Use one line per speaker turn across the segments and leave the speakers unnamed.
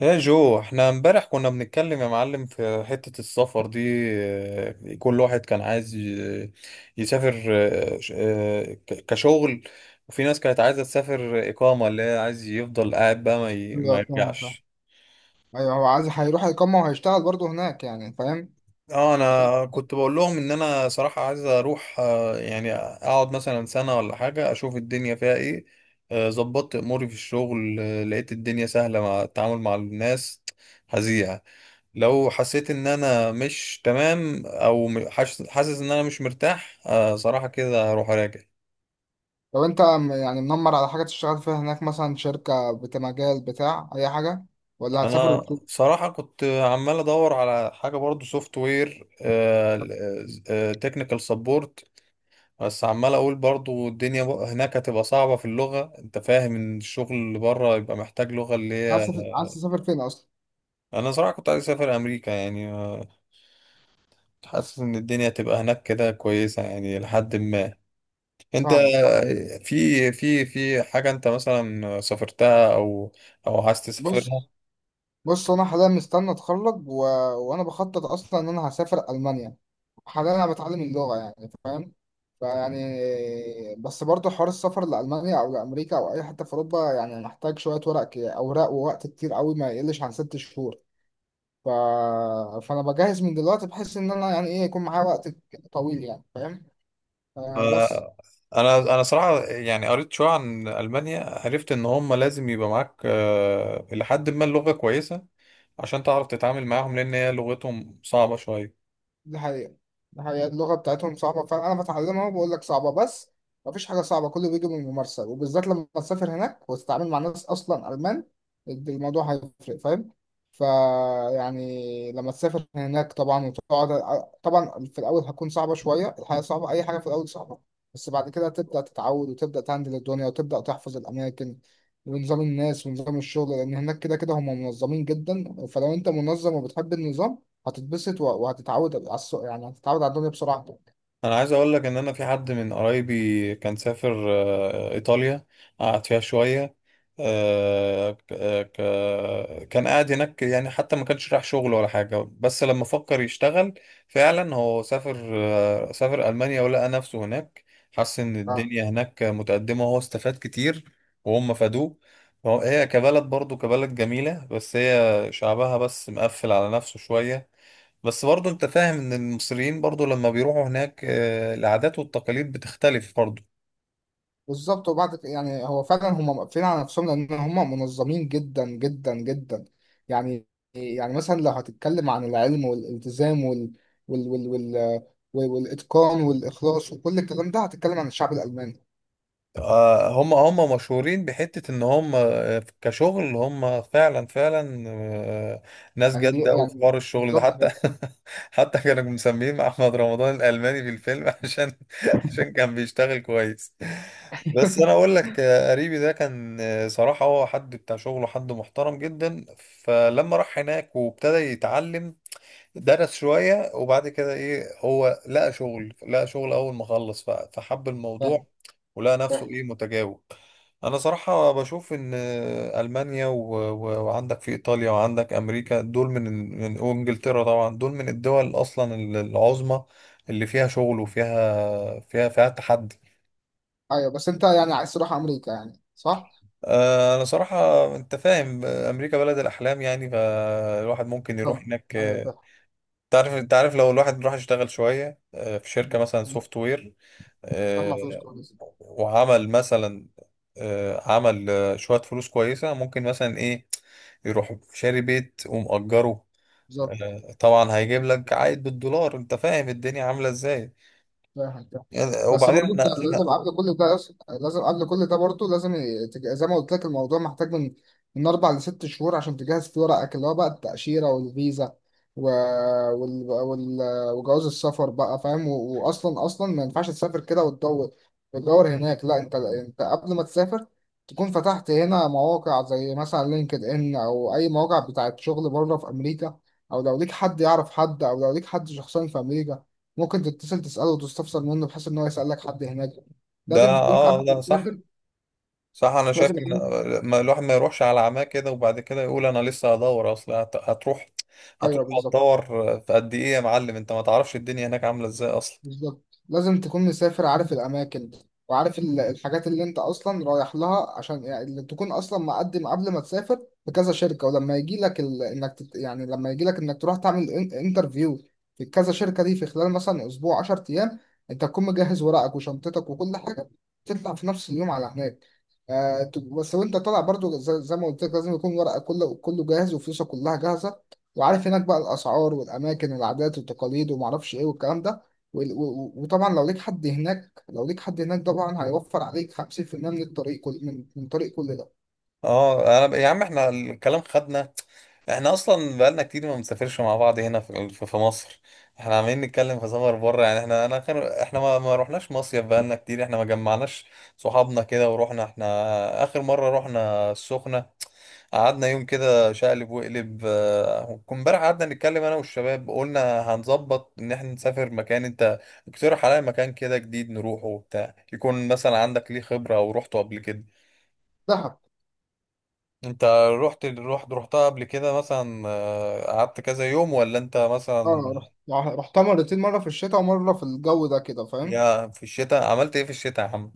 يا جو، احنا امبارح كنا بنتكلم يا معلم في حتة السفر دي. اه، كل واحد كان عايز يسافر كشغل. وفي ناس كانت عايزة تسافر إقامة، اللي هي عايز يفضل قاعد بقى ما
ايوه، فاهم فاهم.
يرجعش.
ايوه، هو عايز هيروح يقمع وهيشتغل برضه هناك، يعني فاهم.
اه انا كنت بقول لهم ان انا صراحة عايز اروح، يعني اقعد مثلا سنة ولا حاجة، اشوف الدنيا فيها ايه. ظبطت اموري في الشغل، لقيت الدنيا سهلة مع التعامل مع الناس. هزيع. لو حسيت ان انا مش تمام، او حاسس ان انا مش مرتاح، آه صراحة كده هروح اراجع.
لو انت منمر على حاجه تشتغل فيها هناك، مثلا شركه بتاع مجال بتاع اي حاجه، ولا هتسافر
انا صراحة كنت عمال ادور على حاجة برضو، سوفت وير تكنيكال سبورت. بس عمال اقول برضو الدنيا هناك هتبقى صعبة في اللغة. انت فاهم ان الشغل اللي بره يبقى محتاج لغة اللي هي.
عايز تسافر فين اصلا؟
انا صراحة كنت عايز اسافر امريكا، يعني، حاسس ان الدنيا هتبقى هناك كده كويسة. يعني لحد ما انت
فاهمك، فاهم.
في حاجة انت مثلا سافرتها او او عايز تسافرها.
بص، انا حاليا مستني اتخرج وانا بخطط اصلا ان انا هسافر المانيا. حاليا انا بتعلم اللغه، يعني فاهم. فيعني بس برضه حوار السفر لألمانيا أو لأمريكا أو أي حتة في أوروبا يعني محتاج شوية ورق أوراق ووقت كتير قوي ما يقلش عن 6 شهور. ف... فانا بجهز من دلوقتي بحيث ان انا، يعني ايه، يكون معايا وقت طويل، يعني فاهم. آه بس.
آه، انا صراحة يعني قريت شوية عن ألمانيا. عرفت ان هم لازم يبقى معاك لحد ما اللغة كويسة عشان تعرف تتعامل معاهم، لان هي لغتهم صعبة شوية.
دي حقيقة. دي حقيقة اللغة بتاعتهم صعبة فعلا، أنا بتعلمها وبقول لك صعبة، بس مفيش حاجة صعبة، كله بيجي من الممارسة، وبالذات لما تسافر هناك وتتعامل مع ناس أصلا ألمان، الموضوع هيفرق، فاهم. فيعني لما تسافر هناك طبعا وتقعد طبعا في الأول، هتكون صعبة شوية، الحياة صعبة، أي حاجة في الأول صعبة. بس بعد كده تبدأ تتعود وتبدأ تهندل الدنيا وتبدأ تحفظ الأماكن، ونظام الناس ونظام الشغل، لأن هناك كده كده هم منظمين جدا. فلو أنت منظم وبتحب النظام، وهتتعود على السوق، يعني هتتعود على الدنيا بسرعة.
انا عايز اقول لك ان انا في حد من قرايبي كان سافر ايطاليا. قعد فيها شويه. آه، ك- آه، كان قاعد هناك يعني، حتى ما كانش رايح شغل ولا حاجه. بس لما فكر يشتغل فعلا، هو سافر المانيا ولقى نفسه هناك. حس ان
اه
الدنيا هناك متقدمه، وهو استفاد كتير وهم فادوه. فهو- هي كبلد برضو كبلد جميله، بس هي شعبها بس مقفل على نفسه شويه. بس برضه انت فاهم ان المصريين برضه لما بيروحوا هناك، العادات والتقاليد بتختلف برضه.
بالظبط. يعني هو فعلا هم واقفين على نفسهم، لان هم منظمين جدا جدا جدا. يعني يعني مثلا لو هتتكلم عن العلم والالتزام وال وال والاتقان والاخلاص وكل الكلام ده هتتكلم عن الشعب الالماني،
هم مشهورين بحتة ان هم، كشغل، هم فعلا فعلا، ناس
يعني دي
جادة أوي في
يعني
حوار الشغل ده،
بالظبط.
حتى حتى كانوا مسمين احمد رمضان الالماني في الفيلم عشان كان بيشتغل كويس. بس انا اقول لك، قريبي ده كان، صراحة هو حد بتاع شغله، حد محترم جدا. فلما راح هناك وابتدى يتعلم، درس شوية وبعد كده ايه، هو لقى شغل اول ما خلص. فحب الموضوع
فاهم
ولقى نفسه
فاهم.
ايه متجاوب. انا صراحة بشوف ان المانيا، وعندك في ايطاليا، وعندك امريكا، دول من من وانجلترا طبعا، دول من الدول اصلا العظمى، اللي فيها شغل وفيها فيها تحدي.
ايوه بس انت يعني عايز تروح امريكا يعني، صح؟
انا صراحة، انت فاهم، امريكا بلد الاحلام، يعني فالواحد ممكن يروح
طب
هناك.
ايوه فاهم.
تعرف، انت عارف لو الواحد راح يشتغل شوية، في شركة مثلا سوفت وير،
ما فيش
آه،
كويس.
وعمل مثلا، آه، عمل آه، شوية فلوس كويسة، ممكن مثلا ايه، يروح شاري بيت ومأجره.
بالظبط
طبعا هيجيب لك عائد بالدولار. انت فاهم الدنيا عاملة ازاي.
فاهم فاهم.
يعني-
بس
وبعدين
برضه انت
احنا.
لازم قبل كل ده، أص- لازم قبل كل ده برضه لازم ي- تج- زي ما قلت لك الموضوع محتاج من اربع لست شهور عشان تجهز فيه ورقك اللي هو بقى التأشيرة والفيزا و... وال... وال... وجواز السفر بقى، فاهم، واصلا اصلا ما ينفعش تسافر كده وتدور وتدور هناك. لا انت قبل ما تسافر تكون فتحت هنا مواقع زي مثلا لينكد ان او اي مواقع بتاعت شغل بره في امريكا، او لو ليك حد يعرف حد، او لو ليك حد شخصيا في امريكا، ممكن تتصل تسأله وتستفسر منه بحيث إن هو يسألك حد هناك.
ده
لازم تكون
اه
قبل،
لا صح.
لازم
صح، انا شايف
لازم.
ان ما الواحد ما يروحش على عماه كده وبعد كده يقول انا لسه هدور. اصل هتروح هتروح
أيوه بالظبط.
هتدور. في قد ايه يا معلم انت ما تعرفش الدنيا هناك عامله ازاي اصلا.
بالظبط لازم تكون مسافر عارف الأماكن، وعارف الحاجات اللي أنت أصلا رايح لها، عشان يعني اللي تكون أصلا مقدم قبل ما تسافر بكذا شركة. ولما يجي لك يعني لما يجي لك إنك تروح تعمل انترفيو في كذا شركة دي في خلال مثلا أسبوع، 10 أيام، أنت تكون مجهز ورقك وشنطتك وكل حاجة، تطلع في نفس اليوم على هناك. بس وأنت طالع برضو زي ما قلت لك لازم يكون ورقك كله كله جاهز، وفلوسك كلها جاهزة، وعارف هناك بقى الأسعار والأماكن والعادات والتقاليد ومعرفش إيه والكلام ده، وطبعا لو ليك حد هناك، طبعا هيوفر عليك 50% من الطريق، كل من طريق كل ده.
اه، انا يا عم، احنا الكلام خدنا. احنا اصلا بقالنا كتير ما بنسافرش مع بعض هنا في مصر. احنا عمالين نتكلم في سفر بره. يعني احنا، انا اخر، احنا ما رحناش مصيف بقالنا كتير. احنا ما جمعناش صحابنا كده ورحنا. احنا اخر مره رحنا السخنه، قعدنا يوم كده شقلب وقلب. كنا امبارح قعدنا نتكلم انا والشباب، قلنا هنظبط ان احنا نسافر مكان. انت اقترح عليا مكان كده جديد نروحه وبتاع، يكون مثلا عندك ليه خبرة او روحته قبل كده.
دهب.
انت رحتها قبل كده مثلا، قعدت كذا يوم، ولا انت مثلا؟
اه رحتها مرتين، مره في الشتاء ومره في الجو ده كده، فاهم.
يا، في الشتاء عملت ايه في الشتاء يا عم؟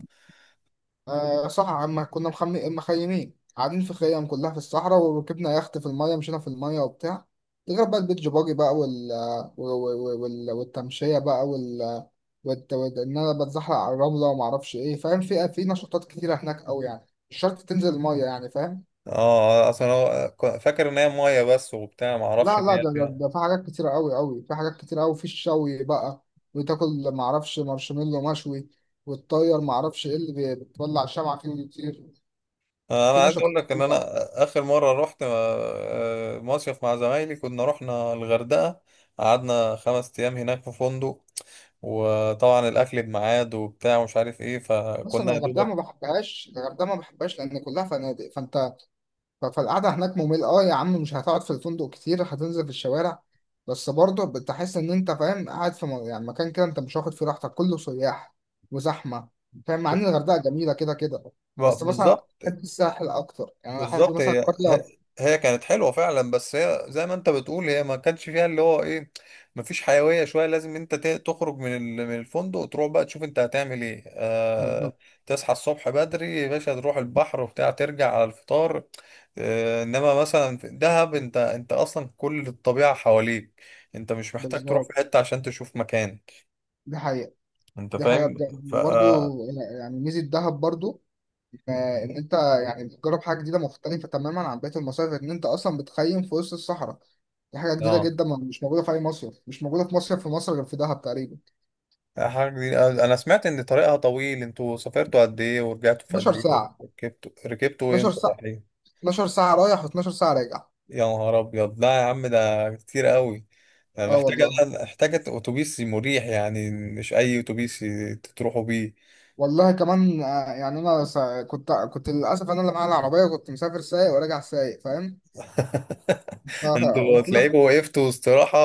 آه صح عم، كنا مخيمين قاعدين في خيام كلها في الصحراء، وركبنا يخت في الميه، مشينا في الميه وبتاع، غير بقى البيتش باجي بقى والتمشيه بقى ان انا بتزحلق على الرمله وما اعرفش ايه، فاهم. في نشاطات كتيره هناك قوي، يعني مش شرط تنزل الميه، يعني فاهم.
اه اصلا هو- فاكر ان هي ميه بس وبتاع، ما اعرفش
لا
ان
لا
هي فيها.
ده في حاجات كتيرة قوي قوي، في حاجات كتيرة قوي، في الشوي بقى، وتاكل معرفش مارشميلو مشوي، وتطير معرفش ايه اللي بتولع شمعة فيه ويطير،
انا
في
عايز
نشاطات
اقول لك ان
كتير
انا
بقى.
اخر مره رحت مصيف مع زمايلي، كنا رحنا الغردقه. قعدنا 5 ايام هناك في فندق، وطبعا الاكل بميعاد وبتاع ومش عارف ايه.
مثلا
فكنا يا
الغردقة ما
دوبك
بحبهاش، الغردقة ما بحبهاش لأن كلها فنادق، فأنت فالقعدة هناك ممل. اه يا عم مش هتقعد في الفندق كتير، هتنزل في الشوارع، بس برضه بتحس ان انت فاهم قاعد في يعني مكان كده انت مش واخد فيه راحتك، كله سياح وزحمة، فاهم. مع ان الغردقة جميلة كده كده، بس مثلا
بالظبط.
بحب الساحل اكتر، يعني انا احب
بالظبط،
مثلا
هي
قرية.
هي كانت حلوه فعلا. بس هي زي ما انت بتقول، هي ما كانش فيها اللي هو ايه، ما فيش حيويه شويه. لازم انت تخرج من الفندق، وتروح بقى تشوف انت هتعمل ايه.
بالظبط
آه، تصحى الصبح بدري يا باشا، تروح البحر وبتاع، ترجع على الفطار. آه، انما مثلا في دهب انت، اصلا كل الطبيعه حواليك. انت مش محتاج تروح
بالظبط.
في حته عشان تشوف مكان.
دي حقيقة.
انت
دي حقيقة
فاهم؟
بجد.
ف...
وبرضه يعني ميزة دهب برضه، آه، ان انت يعني بتجرب حاجة جديدة مختلفة تماما عن بقية المصايف، ان انت اصلا بتخيم في وسط الصحراء، دي حاجة جديدة
اه
جدا، مش موجودة في أي مصيف، مش موجودة في مصيف في مصر غير في دهب تقريبا.
لا، حاجة جديدة. أنا سمعت إن طريقها طويل. أنتوا سافرتوا قد إيه، ورجعتوا في قد
12
إيه؟
ساعة.
ركبتوا
12
إمتى
ساعة.
رايحين؟
12 ساعة رايح و12 ساعة راجع.
يا نهار أبيض، لا يا عم، ده كتير قوي. أنا
اه
محتاجة
والله.
محتاجة أتوبيس مريح، يعني مش أي أتوبيس تروحوا بيه.
والله كمان، يعني أنا كنت للأسف أنا اللي معايا العربية كنت مسافر سايق وراجع سايق، فاهم.
أنتوا
فقلت له،
تلاقيكوا وقفتوا استراحة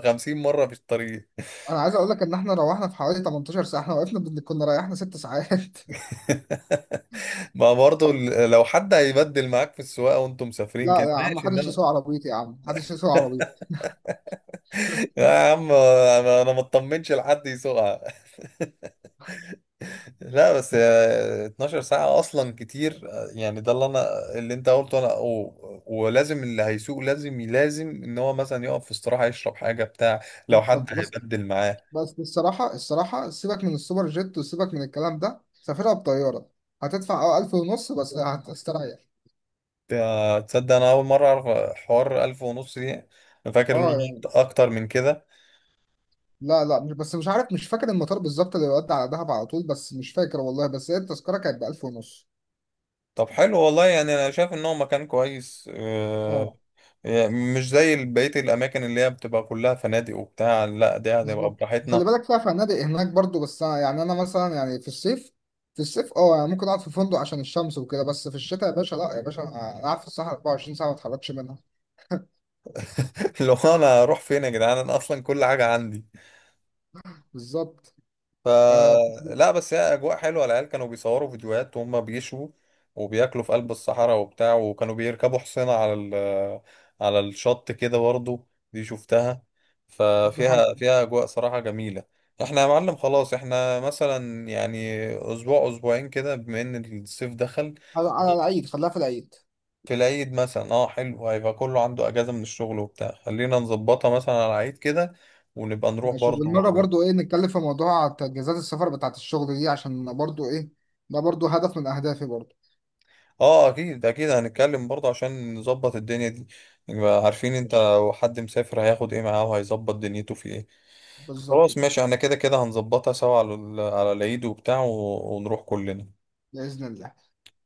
50 مرة في الطريق.
أنا عايز أقول لك إن إحنا روحنا في حوالي 18 ساعة، إحنا وقفنا كنا ريحنا 6 ساعات
ما برضه، لو حد هيبدل معاك في السواقة وأنتم مسافرين كده
لا يا عم
ماشي،
محدش
إنما...
يسوق عربيتي، يا عم محدش يسوق عربيتي.
لا يا عم، انا ما اطمنش لحد يسوقها. لا بس آه، 12 ساعة أصلا كتير. آه، يعني ده اللي أنا، اللي أنت قلته. أنا ولازم اللي هيسوق لازم، لازم إن هو مثلا يقف في استراحة، يشرب حاجة بتاع لو حد
بس
هيبدل معاه.
بس الصراحة، سيبك من السوبر جيت وسيبك من الكلام ده، سافرها بطيارة، هتدفع اه 1500 بس هتستريح.
تصدق أنا أول مرة أعرف حوار 1500 دي؟ أنا فاكر
اه
إنه
يعني
أكتر من كده.
لا لا مش بس، مش عارف، مش فاكر المطار بالظبط اللي يودي على دهب على طول، بس مش فاكر والله، بس هي التذكرة كانت ب1500.
طب حلو والله، يعني أنا شايف إن هو مكان كويس.
اه
يعني مش زي بقية الأماكن اللي هي بتبقى كلها فنادق وبتاع، لا دي هتبقى
بالظبط. خلي
براحتنا.
بالك فيها فنادق هناك برضو، بس أنا يعني أنا مثلا يعني في الصيف، اه يعني ممكن أقعد في فندق عشان الشمس وكده، بس في الشتاء يا باشا، لا يا باشا أنا قاعد في الصحراء 24 ساعة ما اتحركش منها.
لو أنا أروح فين يا جدعان؟ أنا أصلا كل حاجة عندي.
بالظبط
ف...
آه
لا بس هي اجواء حلوه. العيال كانوا بيصوروا فيديوهات وهم بيشوا وبياكلوا في قلب الصحراء وبتاع، وكانوا بيركبوا حصينه على ال... على الشط كده برضه، دي شفتها.
دي حاجة.
ففيها اجواء صراحه جميله. احنا يا معلم خلاص، احنا مثلا يعني اسبوع اسبوعين كده بما ان الصيف دخل.
على على العيد خليها في العيد.
في العيد مثلا، اه حلو، هيبقى كله عنده اجازه من الشغل وبتاع. خلينا نظبطها مثلا على العيد كده، ونبقى نروح
ماشي،
برضه.
وبالمرة برضو ايه نتكلم في موضوع تجهيزات السفر بتاعت الشغل دي عشان برضو ايه، ده برضو هدف من اهدافي برضو.
اه اكيد اكيد، هنتكلم برضه عشان نظبط الدنيا دي. نبقى عارفين انت،
ماشي
لو حد مسافر هياخد ايه معاه وهيظبط دنيته في ايه.
بالظبط
خلاص
كده.
ماشي، احنا كده كده هنظبطها سوا على على العيد وبتاع ونروح كلنا.
بإذن الله.